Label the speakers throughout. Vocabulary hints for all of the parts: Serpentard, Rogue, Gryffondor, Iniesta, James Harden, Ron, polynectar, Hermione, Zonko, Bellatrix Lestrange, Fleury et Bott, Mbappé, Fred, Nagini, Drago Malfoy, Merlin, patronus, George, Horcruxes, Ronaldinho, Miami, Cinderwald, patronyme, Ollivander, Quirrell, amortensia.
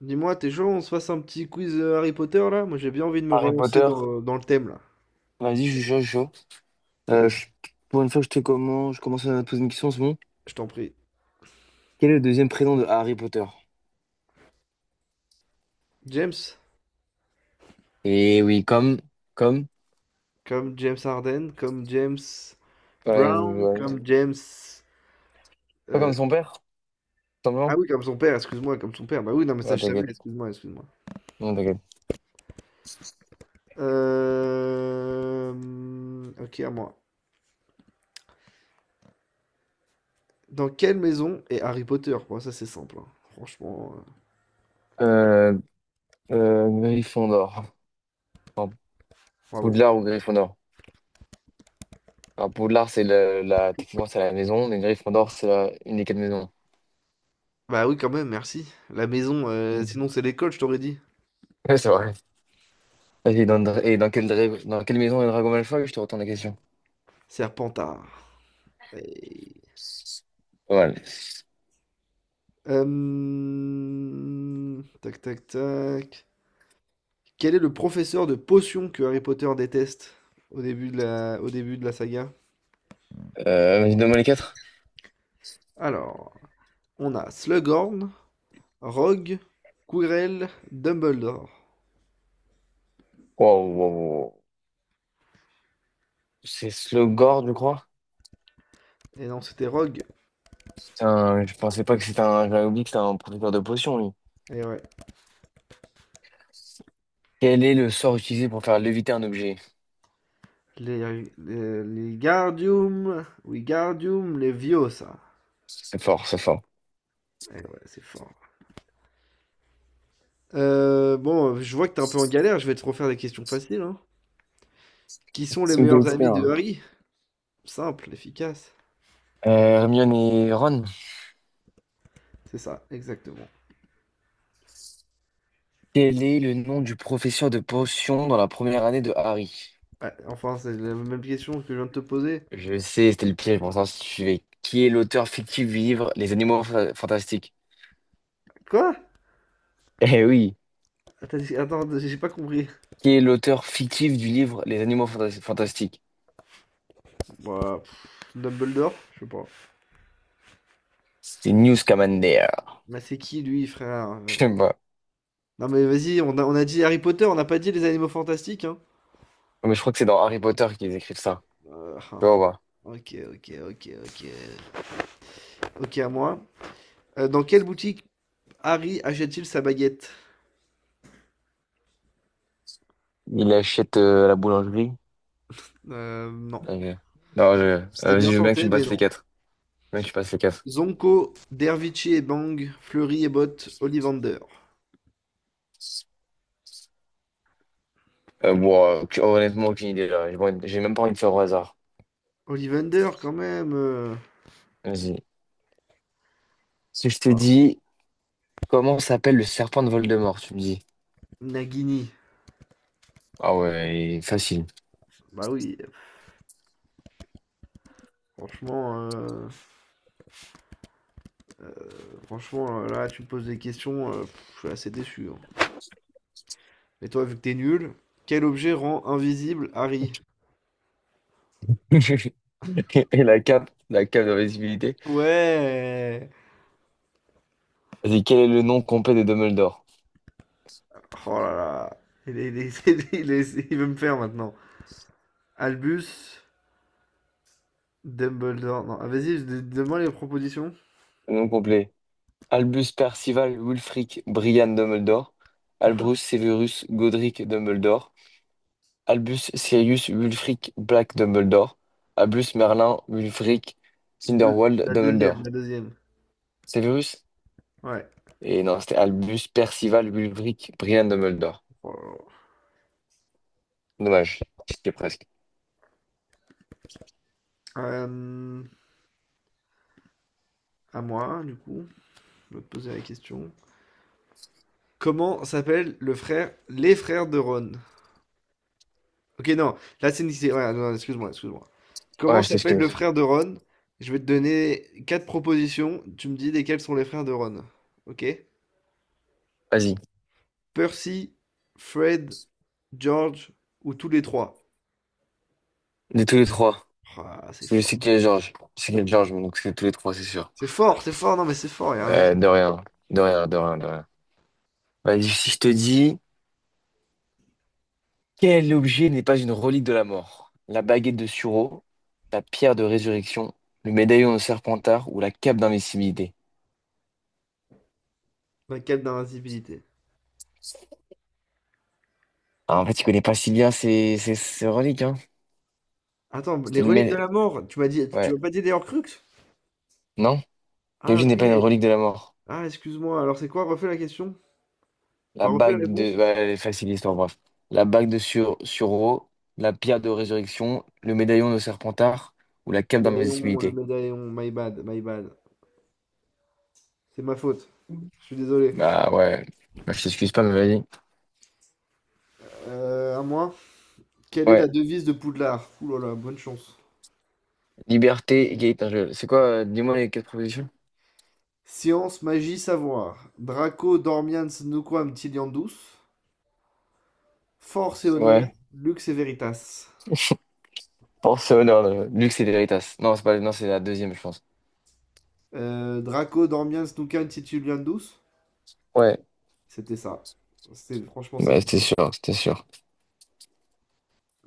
Speaker 1: Dis-moi, t'es chaud, on se fasse un petit quiz Harry Potter là? Moi j'ai bien envie de me
Speaker 2: Harry
Speaker 1: relancer
Speaker 2: Potter,
Speaker 1: dans le thème là.
Speaker 2: vas-y, je suis chaud, je suis chaud. Euh,
Speaker 1: Vas-y,
Speaker 2: je- pour une fois, je commence à te poser une question en ce moment.
Speaker 1: je t'en prie.
Speaker 2: Quel est le deuxième prénom de Harry Potter?
Speaker 1: James,
Speaker 2: Et oui, comme,
Speaker 1: comme James Harden, comme James
Speaker 2: ouais,
Speaker 1: Brown,
Speaker 2: ouais.
Speaker 1: comme James.
Speaker 2: Pas
Speaker 1: euh,
Speaker 2: comme son père,
Speaker 1: Ah
Speaker 2: simplement.
Speaker 1: oui, comme son père, excuse-moi, comme son père. Bah oui, non, mais ça
Speaker 2: Ouais,
Speaker 1: je savais,
Speaker 2: t'inquiète,
Speaker 1: excuse-moi, excuse-moi.
Speaker 2: non, t'inquiète.
Speaker 1: Ok, à moi. Dans quelle maison est Harry Potter? Bon, ça c'est simple, hein. Franchement, euh,
Speaker 2: Euh, Gryffondor. Enfin,
Speaker 1: Bravo.
Speaker 2: Poudlard ou Gryffondor. Enfin, Poudlard, c'est techniquement, c'est la maison, mais Gryffondor, c'est une des quatre maisons.
Speaker 1: Bah oui, quand même, merci. La maison,
Speaker 2: Mm.
Speaker 1: sinon c'est l'école, je t'aurais dit.
Speaker 2: Ouais, c'est vrai. Vas-y, et dans quelle maison est Drago Malfoy? Je te retourne la question.
Speaker 1: Serpentard. Et
Speaker 2: Pas mal.
Speaker 1: hem, tac, tac, tac. Quel est le professeur de potions que Harry Potter déteste au début de la saga?
Speaker 2: Vas-y, donne-moi les quatre.
Speaker 1: Alors, on a Slughorn, Rogue, Quirrell, Dumbledore.
Speaker 2: Waouh, waouh, waouh. C'est Slogord, je crois.
Speaker 1: Et non, c'était Rogue.
Speaker 2: Je pensais pas que c'était un. J'avais oublié que c'était un producteur de potions, lui.
Speaker 1: Et ouais.
Speaker 2: Quel est le sort utilisé pour faire léviter un objet?
Speaker 1: Les Wingardium Leviosa.
Speaker 2: C'est fort, c'est fort.
Speaker 1: Et ouais, c'est fort. Bon, je vois que t'es un peu en galère, je vais te refaire des questions faciles, hein. Qui sont les
Speaker 2: C'est
Speaker 1: meilleurs
Speaker 2: quel
Speaker 1: Bon. Amis
Speaker 2: expert,
Speaker 1: de
Speaker 2: hein.
Speaker 1: Harry? Simple, efficace.
Speaker 2: Euh, Hermione et Ron.
Speaker 1: C'est ça, exactement.
Speaker 2: Quel est le nom du professeur de potions dans la première année de Harry?
Speaker 1: Bah, enfin, c'est la même question que je viens de te poser.
Speaker 2: Je sais, c'était le piège, pour ça, si tu suivais. Qui est l'auteur fictif du livre Les Animaux Fantastiques?
Speaker 1: Quoi?
Speaker 2: Eh oui.
Speaker 1: T'as dit- Attends, j'ai pas compris.
Speaker 2: Qui est l'auteur fictif du livre Les Animaux Fantastiques?
Speaker 1: Bah, pff, Dumbledore? Je sais pas.
Speaker 2: C'est Newt Scamander.
Speaker 1: Mais c'est qui lui, frère?
Speaker 2: Je sais pas.
Speaker 1: Non mais vas-y, on a dit Harry Potter, on n'a pas dit les animaux fantastiques, hein.
Speaker 2: Mais je crois que c'est dans Harry Potter qu'ils écrivent ça.
Speaker 1: Euh,
Speaker 2: Tu vois voir.
Speaker 1: ok, ok, ok, ok. Ok, à moi. Dans quelle boutique Harry achète-t-il sa baguette?
Speaker 2: Il achète à la boulangerie.
Speaker 1: Non.
Speaker 2: Ok. Non,
Speaker 1: C'était bien
Speaker 2: vas-y, je veux bien que tu
Speaker 1: tenté,
Speaker 2: me
Speaker 1: mais
Speaker 2: passes les
Speaker 1: non.
Speaker 2: quatre. Je veux bien que tu passes les quatre.
Speaker 1: Zonko, Dervichi et Bang, Fleury et Bott, Ollivander.
Speaker 2: Bon, honnêtement, aucune idée là. J'ai pas envie. J'ai même pas envie de faire au hasard.
Speaker 1: Ollivander, quand même.
Speaker 2: Vas-y. Si je te
Speaker 1: Voilà.
Speaker 2: dis comment s'appelle le serpent de Voldemort, tu me dis.
Speaker 1: Nagini.
Speaker 2: Ah ouais, facile.
Speaker 1: Bah oui, franchement, euh, franchement, là, tu me poses des questions, je suis assez déçu. Hein. Et toi, vu que t'es nul, quel objet rend invisible Harry?
Speaker 2: Et la cape de d'invisibilité.
Speaker 1: Ouais!
Speaker 2: Vas-y, quel est le nom complet de Dumbledore?
Speaker 1: Oh là là, il, est- il est- il veut me faire maintenant. Albus, Dumbledore, non, ah, vas-y, donne-moi les propositions.
Speaker 2: Le nom complet. Albus Percival Wulfric Brian Dumbledore. Albus Severus Godric Dumbledore. Albus, Sirius, Wulfric, Black, Dumbledore. Albus, Merlin, Wulfric, Cinderwald,
Speaker 1: La deuxième,
Speaker 2: Dumbledore.
Speaker 1: la deuxième.
Speaker 2: Severus?
Speaker 1: Ouais.
Speaker 2: Et non, c'était Albus, Percival, Wulfric, Brian, Dumbledore.
Speaker 1: Oh là
Speaker 2: Dommage, j'étais presque.
Speaker 1: là. À moi, du coup, je vais te poser la question. Comment s'appellent les frères de Ron? Ok, non, là c'est Nixé. Ouais, non, excuse-moi, excuse-moi. Comment
Speaker 2: Ouais, je
Speaker 1: s'appelle le
Speaker 2: t'excuse.
Speaker 1: frère de Ron? Je vais te donner quatre propositions. Tu me dis lesquels sont les frères de Ron. Ok?
Speaker 2: Vas-y.
Speaker 1: Percy, Fred, George ou tous les trois?
Speaker 2: De tous les trois.
Speaker 1: Ah, c'est
Speaker 2: Je sais
Speaker 1: fort.
Speaker 2: qu'il y a Georges. Je sais qu'il y a Georges, mais donc c'est tous les trois, c'est sûr.
Speaker 1: C'est fort, c'est fort, non mais c'est fort, il y a un
Speaker 2: Euh,
Speaker 1: avis.
Speaker 2: de rien. De rien, de rien, de rien. Vas-y, si je te dis, quel objet n'est pas une relique de la mort? La baguette de Suro, la pierre de résurrection, le médaillon de Serpentard ou la cape d'invincibilité?
Speaker 1: Un cap d'invincibilité.
Speaker 2: Ah, en fait, tu connais pas si bien ces reliques, hein.
Speaker 1: Attends, les
Speaker 2: C'était le
Speaker 1: reliques de
Speaker 2: mé-
Speaker 1: la mort, tu m'as dit, tu
Speaker 2: Ouais.
Speaker 1: m'as pas dit les Horcruxes?
Speaker 2: Non?
Speaker 1: Ah,
Speaker 2: Kenji
Speaker 1: ok.
Speaker 2: n'est pas une relique de la mort.
Speaker 1: Ah, excuse-moi, alors c'est quoi? Refais la question. Enfin, refais la réponse.
Speaker 2: Ouais, elle est facile, l'histoire, bref. La bague de Suro, la pierre de résurrection, le médaillon de Serpentard ou la cape
Speaker 1: Le
Speaker 2: d'invisibilité.
Speaker 1: médaillon, my bad, my bad. C'est ma faute. Je suis désolé.
Speaker 2: Bah ouais. Bah, je t'excuse pas, mais vas-y.
Speaker 1: À moi. Quelle est
Speaker 2: Ouais.
Speaker 1: la devise de Poudlard? Ouh là là, bonne chance.
Speaker 2: Liberté, égalité. C'est quoi? Dis-moi les quatre propositions.
Speaker 1: Science, magie, savoir. Draco dormiens nuquam tiliandus. Force et honneur,
Speaker 2: Ouais.
Speaker 1: luxe et veritas.
Speaker 2: Force et honneur, luxe et véritas. Non, c'est pas. Non, c'est la deuxième, je pense.
Speaker 1: Draco dormiens nuquam tituliandus.
Speaker 2: Ouais.
Speaker 1: C'était ça. C'est, franchement, c'est
Speaker 2: Ouais,
Speaker 1: fort.
Speaker 2: c'était sûr, c'était sûr.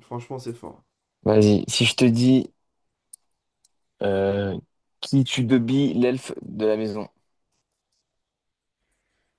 Speaker 1: Franchement, c'est fort.
Speaker 2: Vas-y. Si je te dis. Euh, qui tue Bubby, l'elfe de la maison?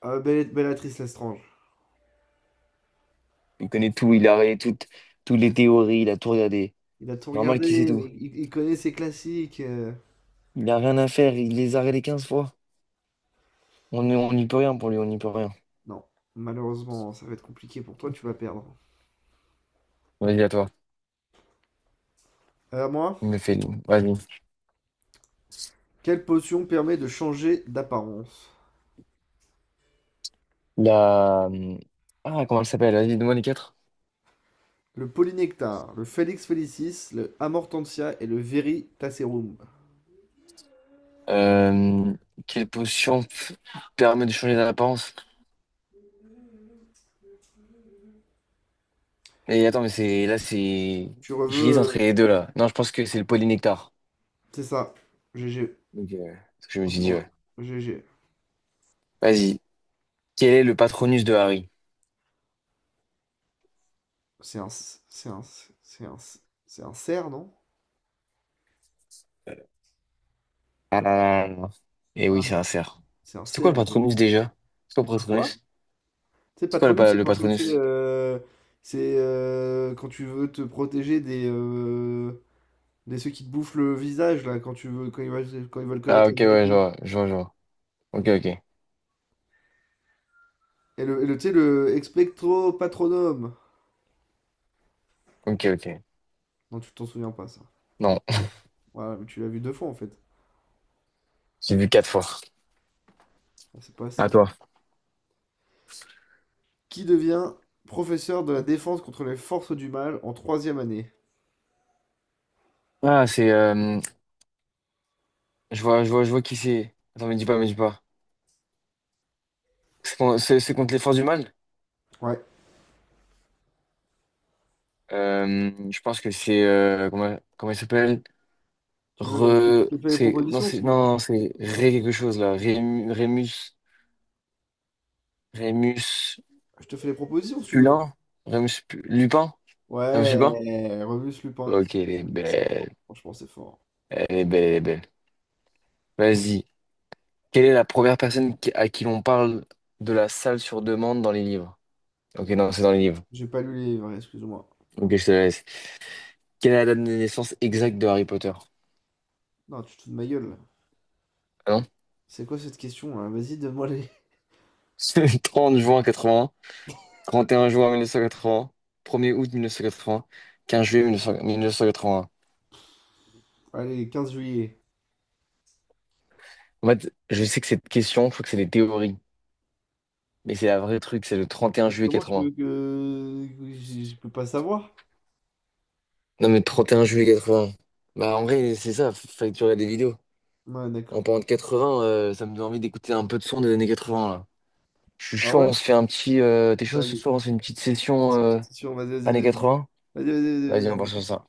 Speaker 1: Ah, Bellatrix Lestrange.
Speaker 2: Il connaît tout, il a regardé toutes les théories, il a tout regardé.
Speaker 1: Il a tout
Speaker 2: Normal qu'il sait
Speaker 1: regardé,
Speaker 2: tout.
Speaker 1: mais il connaît ses classiques.
Speaker 2: Il a rien à faire, il les a regardés 15 fois. On n'y peut rien pour lui, on n'y peut rien.
Speaker 1: Non, malheureusement, ça va être compliqué pour toi, tu vas perdre.
Speaker 2: Vas-y, à toi.
Speaker 1: À moi.
Speaker 2: Il me fait, vas-y.
Speaker 1: Quelle potion permet de changer d'apparence?
Speaker 2: La... Ah, comment elle s'appelle? Vas-y, donne-moi les quatre.
Speaker 1: Le polynectar, le Felix felicis, le amortensia et le veritaserum.
Speaker 2: Euh, quelle potion permet de changer d'apparence? Et attends, mais c'est là, c'est.
Speaker 1: Tu reveux,
Speaker 2: J'hésite entre
Speaker 1: euh,
Speaker 2: les deux là. Non, je pense que c'est le polynectar.
Speaker 1: c'est ça. GG.
Speaker 2: Donc, c'est ce que je me suis dit,
Speaker 1: Franchement,
Speaker 2: ouais.
Speaker 1: GG.
Speaker 2: Vas-y. Quel est le patronus de Harry?
Speaker 1: C'est un, c'est un, c'est un, c'est un cerf, non?
Speaker 2: Ah là là là là. Et
Speaker 1: Ah,
Speaker 2: oui, c'est
Speaker 1: mais
Speaker 2: un cerf.
Speaker 1: c'est un
Speaker 2: C'était quoi le
Speaker 1: cerf. Mais-
Speaker 2: patronus déjà? C'est quoi le
Speaker 1: Un quoi?
Speaker 2: patronus?
Speaker 1: C'est
Speaker 2: C'est quoi le,
Speaker 1: patronyme,
Speaker 2: pa-
Speaker 1: c'est
Speaker 2: le
Speaker 1: quand tu le fais,
Speaker 2: patronus?
Speaker 1: euh, c'est quand tu veux te protéger des, des ceux qui te bouffent le visage là, quand tu veux, quand ils veulent
Speaker 2: Ah
Speaker 1: connaître
Speaker 2: ok,
Speaker 1: la
Speaker 2: ouais, je
Speaker 1: vérité.
Speaker 2: vois, je vois, je vois. Ok, ok.
Speaker 1: Tu sais, le expectro patronum.
Speaker 2: Ok, ok.
Speaker 1: Non, tu t'en souviens pas ça.
Speaker 2: Non,
Speaker 1: Voilà, mais tu l'as vu deux fois en fait.
Speaker 2: j'ai vu quatre fois.
Speaker 1: Ah, c'est pas assez.
Speaker 2: À
Speaker 1: Hein.
Speaker 2: toi.
Speaker 1: Qui devient professeur de la défense contre les forces du mal en troisième année?
Speaker 2: Ah, c'est. Je vois, je vois, je vois qui c'est. Attends, me dis pas, me dis pas. C'est contre les forces du mal?
Speaker 1: Ouais.
Speaker 2: Je pense que c'est. Comment comment il s'appelle?
Speaker 1: Tu veux, je te, Je
Speaker 2: Re.
Speaker 1: te fais les
Speaker 2: C'est. Non,
Speaker 1: propositions
Speaker 2: c'est.
Speaker 1: sinon. Hein.
Speaker 2: Non, c'est Ré quelque chose, là. Rémus. Rémus.
Speaker 1: Je te fais les propositions si tu veux.
Speaker 2: Pulin? Rémus. Lupin? Rémus Lupin?
Speaker 1: Ouais, Remus Lupin.
Speaker 2: Ok, elle est
Speaker 1: C'est fort.
Speaker 2: belle.
Speaker 1: Franchement, c'est fort.
Speaker 2: Elle est belle, elle est belle. Vas-y. Quelle est la première personne à qui l'on parle de la salle sur demande dans les livres? Ok, non, c'est dans les livres.
Speaker 1: J'ai pas lu les livres, excuse-moi.
Speaker 2: Ok, je te la laisse. Quelle est la date de naissance exacte de Harry Potter?
Speaker 1: Non, tu te fous de ma gueule. Là.
Speaker 2: Ah non?
Speaker 1: C'est quoi cette question là? Vas-y, donne-moi les.
Speaker 2: C'est le 30 juin 80, 31 juin 1980, 1er août 1980, 15 juillet 1900 1981.
Speaker 1: Allez, 15 juillet.
Speaker 2: En fait, je sais que cette question, je crois que c'est des théories. Mais c'est la vraie truc, c'est le 31
Speaker 1: Mais
Speaker 2: juillet
Speaker 1: comment tu veux
Speaker 2: 80.
Speaker 1: que. Je peux pas savoir?
Speaker 2: Non, mais 31 juillet 80. Bah, en vrai, c'est ça, fallait que tu regardes des vidéos.
Speaker 1: Ouais,
Speaker 2: En
Speaker 1: d'accord.
Speaker 2: parlant de 80, ça me donne envie d'écouter un peu de son des années 80 là. Je suis
Speaker 1: Ah
Speaker 2: chaud,
Speaker 1: ouais?
Speaker 2: on se fait un petit. T'es chaud ce
Speaker 1: Vas-y,
Speaker 2: soir, on se fait une petite session
Speaker 1: c'est sûr, vas-y, vas-y,
Speaker 2: années
Speaker 1: vas-y.
Speaker 2: 80?
Speaker 1: Vas-y, vas-y,
Speaker 2: Vas-y,
Speaker 1: vas-y.
Speaker 2: on part
Speaker 1: Vas-y.
Speaker 2: sur ça.